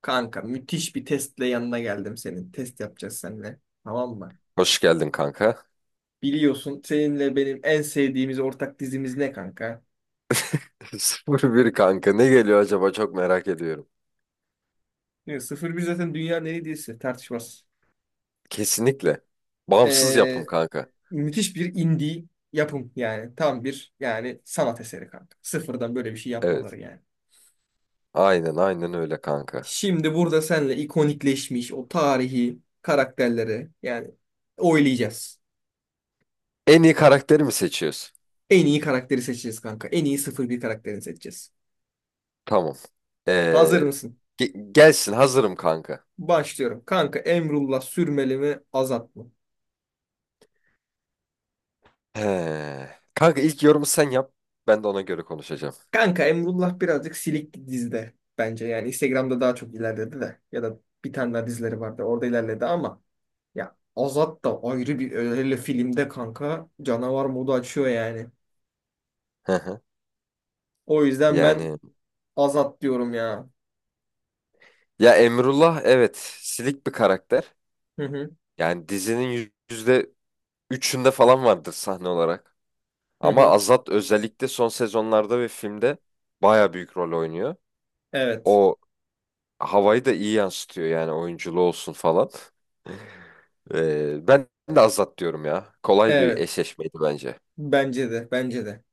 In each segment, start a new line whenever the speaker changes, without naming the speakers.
Kanka müthiş bir testle yanına geldim senin. Test yapacağız seninle. Tamam mı?
Hoş geldin kanka.
Biliyorsun seninle benim en sevdiğimiz ortak dizimiz ne kanka?
Sıfır Bir kanka. Ne geliyor acaba, çok merak ediyorum.
Ne, 01 zaten dünyanın en iyi dizisi tartışmaz.
Kesinlikle. Bağımsız yapım
Ee,
kanka.
Müthiş bir indie yapım yani. Tam bir yani sanat eseri kanka. Sıfırdan böyle bir şey
Evet.
yapmaları yani.
Aynen aynen öyle kanka.
Şimdi burada seninle ikonikleşmiş o tarihi karakterleri yani oylayacağız.
En iyi karakteri mi seçiyoruz?
En iyi karakteri seçeceğiz kanka. En iyi sıfır bir karakterini seçeceğiz.
Tamam.
Hazır
Ee,
mısın?
Gelsin, hazırım kanka.
Başlıyorum. Kanka Emrullah sürmeli mi azat mı?
He. Kanka, ilk yorumu sen yap. Ben de ona göre konuşacağım.
Kanka Emrullah birazcık silik dizide bence. Yani Instagram'da daha çok ilerledi de. Ya da bir tane daha dizileri vardı. Orada ilerledi ama ya Azat da ayrı bir öyle filmde kanka canavar modu açıyor yani.
Hı hı.
O yüzden ben
Yani
Azat diyorum ya.
ya Emrullah, evet, silik bir karakter.
Hı hı
Yani dizinin %3'ünde falan vardır sahne olarak.
hı
Ama
hı.
Azat özellikle son sezonlarda ve filmde baya büyük rol oynuyor.
Evet.
O havayı da iyi yansıtıyor, yani oyunculuğu olsun falan. Ben de Azat diyorum ya. Kolay bir
Evet.
eşleşmeydi bence.
Bence de. Bence de.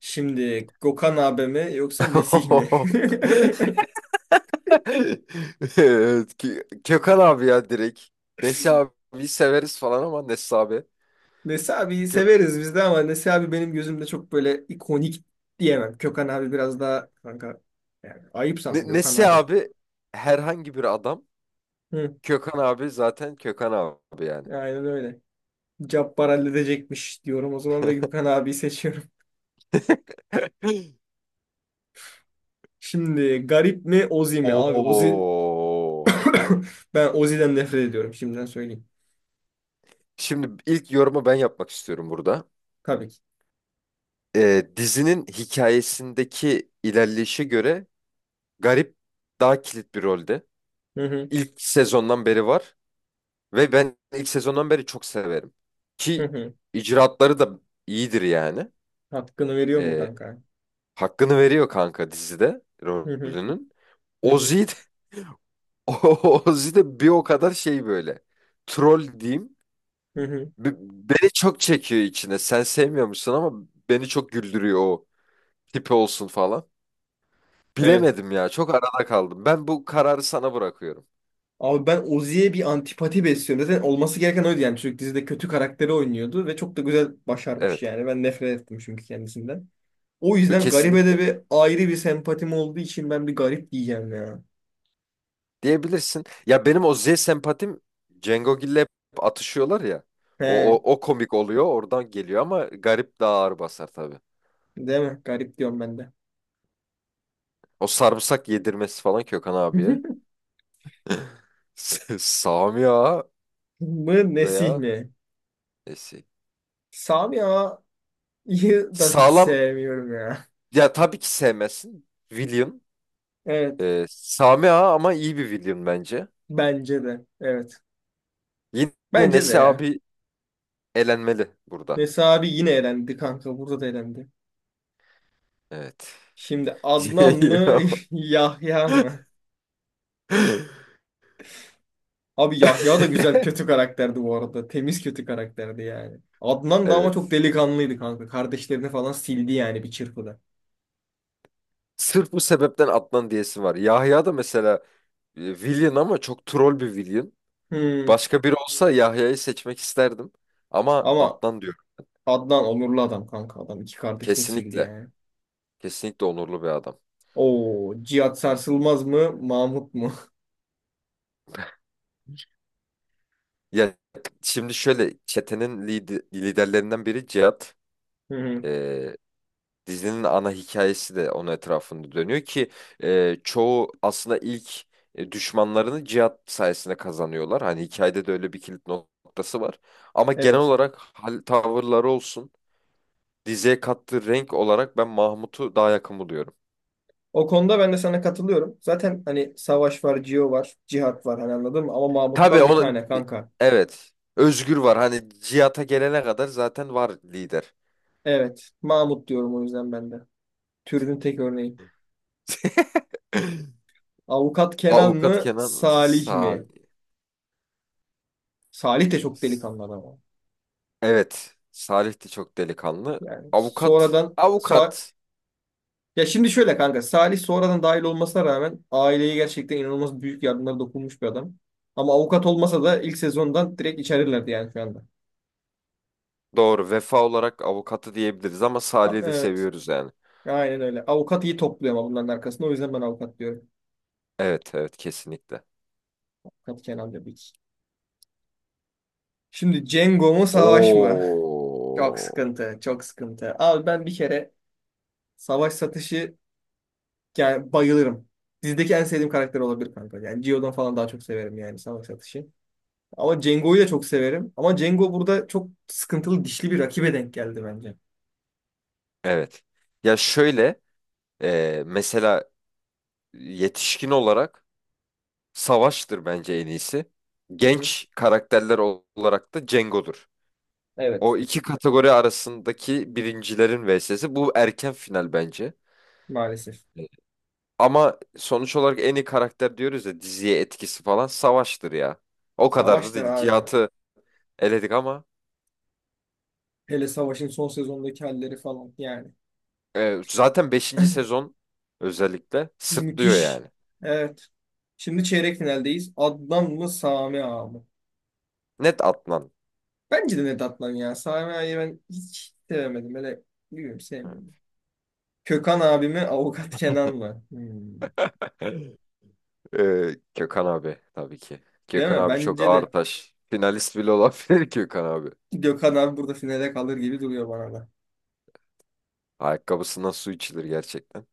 Şimdi Gökhan abi mi yoksa Nesih mi?
Evet, Kökan abi ya, direkt. Nesi abi severiz falan ama Nesi abi.
Nesi abiyi
Kök
severiz biz de ama Nesi abi benim gözümde çok böyle ikonik diyemem. Gökhan abi biraz daha kanka yani ayıp sana Gökhan
Nesi
abi.
abi herhangi bir adam.
Hı,
Kökan abi zaten Kökan abi yani.
aynen öyle. Cabbar halledecekmiş diyorum o zaman ve Gökhan abiyi seçiyorum. Şimdi garip mi Ozi mi? Abi Ozi
Oo.
ben Ozi'den nefret ediyorum şimdiden söyleyeyim.
Şimdi ilk yorumu ben yapmak istiyorum burada.
Tabii ki.
Dizinin hikayesindeki ilerleyişe göre Garip daha kilit bir rolde.
Hı hı,
İlk sezondan beri var ve ben ilk sezondan beri çok severim.
hı
Ki
hı.
icraatları da iyidir yani.
Hakkını veriyor mu
Ee,
kanka?
Hakkını veriyor kanka, dizide
Hı hı,
rolünün.
hı hı,
Ozzy de, Ozzy de bir o kadar şey böyle. Troll diyeyim.
hı hı.
Beni çok çekiyor içine. Sen sevmiyor musun ama beni çok güldürüyor o, tipi olsun falan.
Evet.
Bilemedim ya. Çok arada kaldım. Ben bu kararı sana bırakıyorum.
Abi ben Ozzy'ye bir antipati besliyorum. Zaten olması gereken oydu yani. Çocuk dizide kötü karakteri oynuyordu ve çok da güzel başarmış
Evet.
yani. Ben nefret ettim çünkü kendisinden. O
Yo,
yüzden garibe de
kesinlikle.
bir ayrı bir sempatim olduğu için ben bir garip diyeceğim ya.
Diyebilirsin. Ya, benim o Z sempatim Cengo Gill'le hep atışıyorlar ya. O,
He,
o, o komik oluyor. Oradan geliyor ama garip daha ağır basar tabii.
değil mi? Garip diyorum ben de.
O sarımsak yedirmesi falan Kökan abiye. Sami Ağa
Mı Nesih
veya
mi?
Esi.
Sami Ağa'yı da hiç
Sağlam.
sevmiyorum ya.
Ya tabii ki sevmezsin. William.
Evet.
Sami Ağa ama iyi bir William bence.
Bence de. Evet.
Yine
Bence de
Nesi
ya.
abi elenmeli
Ve
burada.
Sami yine elendi kanka. Burada da elendi.
Evet.
Şimdi Adnan mı
Ya.
Yahya mı? Abi Yahya da güzel kötü karakterdi bu arada. Temiz kötü karakterdi yani. Adnan da ama çok
Evet.
delikanlıydı kanka. Kardeşlerini falan sildi yani bir çırpıda.
Sırf bu sebepten atlan diyesi var. Yahya da mesela villain ama çok troll bir villain.
Hmm.
Başka biri olsa Yahya'yı seçmek isterdim. Ama
Ama
atlan diyorum.
Adnan onurlu adam kanka. Adam iki kardeşini sildi
Kesinlikle.
yani.
Kesinlikle onurlu bir adam.
Oo, Cihat Sarsılmaz mı? Mahmut mu?
Ya şimdi şöyle, çetenin liderlerinden biri Cihat.
Hı hı.
Dizinin ana hikayesi de onun etrafında dönüyor ki çoğu aslında ilk düşmanlarını Cihat sayesinde kazanıyorlar. Hani hikayede de öyle bir kilit noktası var. Ama genel
Evet.
olarak hal tavırları olsun, diziye kattığı renk olarak ben Mahmut'u daha yakın buluyorum.
O konuda ben de sana katılıyorum. Zaten hani Savaş var, Cio var, Cihat var hani anladın mı? Ama
Tabii
Mahmut'tan bir
ona,
tane kanka.
evet, Özgür var. Hani Cihata gelene kadar zaten var lider.
Evet. Mahmut diyorum o yüzden ben de. Türünün tek örneği. Avukat Kenan
Avukat
mı?
Kenan
Salih mi?
Salih.
Salih de çok delikanlı adam abi.
Evet, Salih de çok delikanlı.
Yani
Avukat,
sonradan so-
avukat
Ya şimdi şöyle kanka Salih sonradan dahil olmasına rağmen aileye gerçekten inanılmaz büyük yardımlar dokunmuş bir adam. Ama avukat olmasa da ilk sezondan direkt içerirlerdi yani şu anda.
Doğru. Vefa olarak avukatı diyebiliriz ama
Ha,
Salih'i de
evet,
seviyoruz yani.
aynen öyle. Avukat iyi topluyor ama bunların arkasında. O yüzden ben avukat diyorum.
Evet, evet, kesinlikle.
Avukat Kenan Bebek. Şimdi Cengo mu savaş mı? Çok
Oo.
sıkıntı, çok sıkıntı. Abi ben bir kere savaş satışı yani bayılırım. Dizideki en sevdiğim karakter olabilir kanka. Yani Gio'dan falan daha çok severim yani savaş satışı. Ama Cengo'yu da çok severim. Ama Cengo burada çok sıkıntılı dişli bir rakibe denk geldi bence.
Evet. Ya şöyle, mesela yetişkin olarak Savaş'tır bence en iyisi.
Hı hı.
Genç karakterler olarak da Cengo'dur.
Evet.
O iki kategori arasındaki birincilerin vs'si. Bu erken final bence.
Maalesef.
Evet. Ama sonuç olarak en iyi karakter diyoruz ya, diziye etkisi falan Savaş'tır ya. O kadar da
Savaşlar
değil.
abi.
Cihat'ı eledik ama
Hele Savaş'ın son sezondaki halleri falan yani.
zaten beşinci sezon özellikle sırtlıyor
Müthiş.
yani.
Evet. Şimdi çeyrek finaldeyiz. Adnan mı Sami Ağa mı?
Net Adnan.
Bence de net Adnan ya. Sami Ağa'yı ben hiç sevemedim. Hele bilmiyorum sevmiyorum. Kökan abi mi Avukat Kenan mı? Hmm.
Gökhan abi tabii ki.
Değil
Gökhan
mi?
abi çok
Bence
ağır
de.
taş. Finalist bile olabilir Gökhan abi.
Gökhan abi burada finale kalır gibi duruyor bana da.
Ayakkabısından su içilir gerçekten.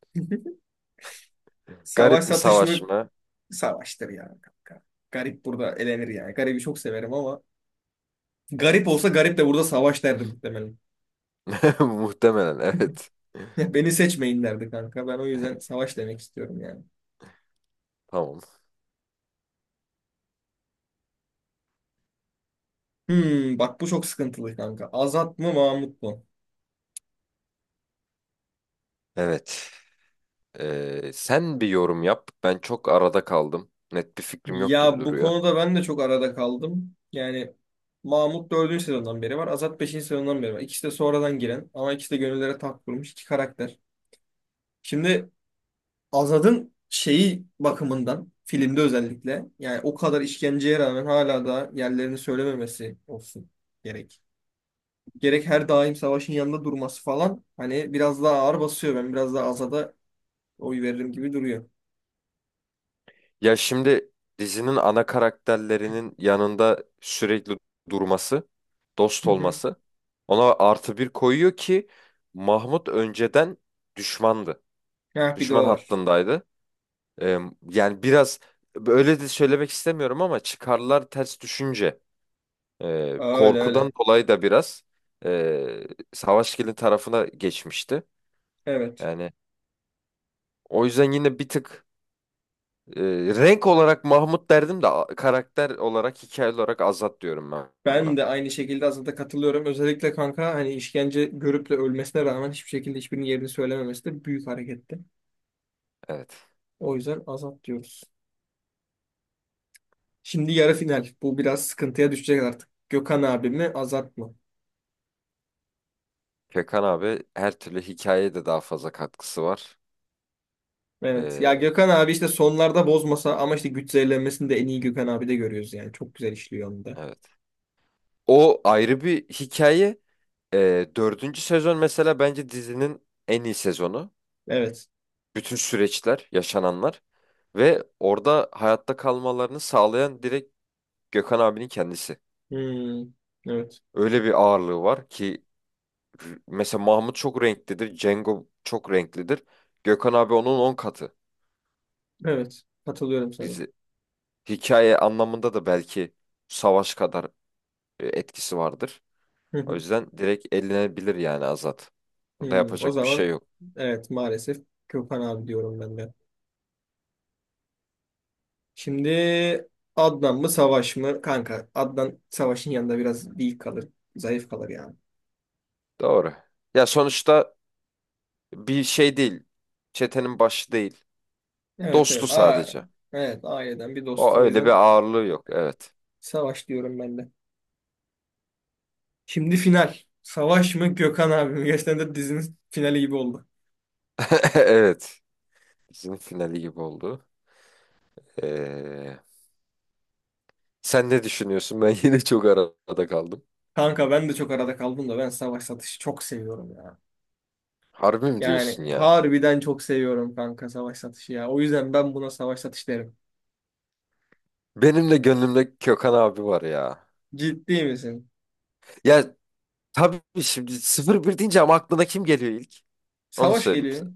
Savaş
Garip mi,
satış mı?
Savaş mı?
Savaştır ya kanka. Garip burada elenir yani. Garibi çok severim ama garip olsa
Evet.
garip de burada savaş derdi muhtemelen.
Muhtemelen evet.
Beni seçmeyin derdi kanka. Ben o yüzden savaş demek istiyorum yani.
Tamam.
Hmm, bak bu çok sıkıntılı kanka. Azat mı Mahmut mu?
Evet. Sen bir yorum yap. Ben çok arada kaldım. Net bir fikrim yok gibi
Ya bu
duruyor.
konuda ben de çok arada kaldım. Yani Mahmut 4. sezondan beri var. Azat beşinci sezondan beri var. İkisi de sonradan giren ama ikisi de gönüllere taht kurmuş iki karakter. Şimdi Azad'ın şeyi bakımından filmde özellikle yani o kadar işkenceye rağmen hala da yerlerini söylememesi olsun gerek. Gerek her daim savaşın yanında durması falan hani biraz daha ağır basıyor. Ben biraz daha Azad'a oy veririm gibi duruyor.
Ya şimdi dizinin ana karakterlerinin yanında sürekli durması,
Hı
dost
hı.
olması ona artı bir koyuyor ki Mahmut önceden düşmandı.
Heh, bir de
Düşman
o var.
hattındaydı. Ee, Yani biraz öyle de söylemek istemiyorum ama çıkarlar ters düşünce,
Öyle öyle.
korkudan dolayı da biraz e, Savaşgil'in tarafına geçmişti.
Evet.
Yani o yüzden yine bir tık, Ee, renk olarak Mahmut derdim de karakter olarak, hikaye olarak Azat diyorum ben
Ben
buna.
de aynı şekilde Azad'a katılıyorum. Özellikle kanka hani işkence görüp de ölmesine rağmen hiçbir şekilde hiçbirinin yerini söylememesi de büyük hareketti.
Evet.
O yüzden Azad diyoruz. Şimdi yarı final. Bu biraz sıkıntıya düşecek artık. Gökhan abi mi, Azat mı?
Gökhan abi, her türlü hikayeye de daha fazla katkısı var.
Evet. Ya
Ee,
Gökhan abi işte sonlarda bozmasa ama işte güç zehirlenmesini de en iyi Gökhan abi de görüyoruz yani. Çok güzel işliyor onu da.
evet. O ayrı bir hikaye. Dördüncü sezon mesela bence dizinin en iyi sezonu.
Evet.
Bütün süreçler, yaşananlar ve orada hayatta kalmalarını sağlayan direkt Gökhan abinin kendisi.
Hmm. Evet.
Öyle bir ağırlığı var ki mesela Mahmut çok renklidir, Cengo çok renklidir. Gökhan abi onun 10 katı.
Evet. Katılıyorum sana.
Dizi, hikaye anlamında da belki savaş kadar etkisi vardır.
Hı
O
hı.
yüzden direkt elenebilir yani Azat. Burada
Hmm. O
yapacak bir şey
zaman
yok.
evet maalesef Gökhan abi diyorum ben de. Şimdi Adnan mı Savaş mı? Kanka Adnan Savaş'ın yanında biraz değil kalır. Zayıf kalır yani.
Doğru. Ya sonuçta bir şey değil. Çetenin başı değil.
Evet
Dostu
evet. Aa,
sadece.
evet aileden bir dost.
O
O
öyle bir
yüzden
ağırlığı yok. Evet.
Savaş diyorum ben de. Şimdi final. Savaş mı Gökhan abi mi? Gerçekten de dizinin finali gibi oldu.
Evet. Bizim finali gibi oldu. Ee, Sen ne düşünüyorsun? Ben yine çok arada kaldım.
Kanka ben de çok arada kaldım da ben Savaş Satış'ı çok seviyorum ya.
Harbi mi
Yani
diyorsun ya?
harbiden çok seviyorum kanka Savaş Satış'ı ya. O yüzden ben buna Savaş Satış derim.
Benim de gönlümde Kökan abi var ya.
Ciddi misin?
Ya tabii, şimdi Sıfır Bir deyince, ama aklına kim geliyor ilk? Onu
Savaş
söyleyeyim
geliyor.
sana.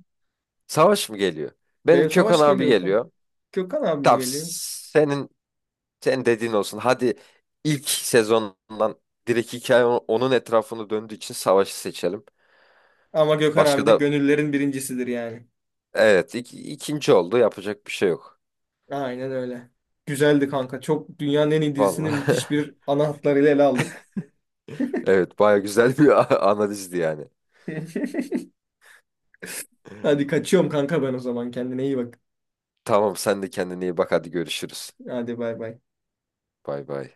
Savaş mı geliyor? Benim
Benim
Kökan
Savaş
abi
geliyor kanka.
geliyor.
Gökhan abi mi
Tamam,
geliyor?
senin dediğin olsun. Hadi, ilk sezondan direkt hikaye onun etrafını döndüğü için savaşı seçelim.
Ama Gökhan abi
Başka
de
da,
gönüllerin birincisidir yani.
evet, ikinci oldu, yapacak bir şey yok.
Aynen öyle. Güzeldi kanka. Çok dünyanın en iyi dizisini müthiş
Vallahi
bir ana hatlarıyla ele aldık.
evet, baya güzel bir analizdi yani.
Hadi kaçıyorum kanka ben o zaman. Kendine iyi bak.
Tamam, sen de kendine iyi bak, hadi görüşürüz.
Hadi bay bay.
Bay bay.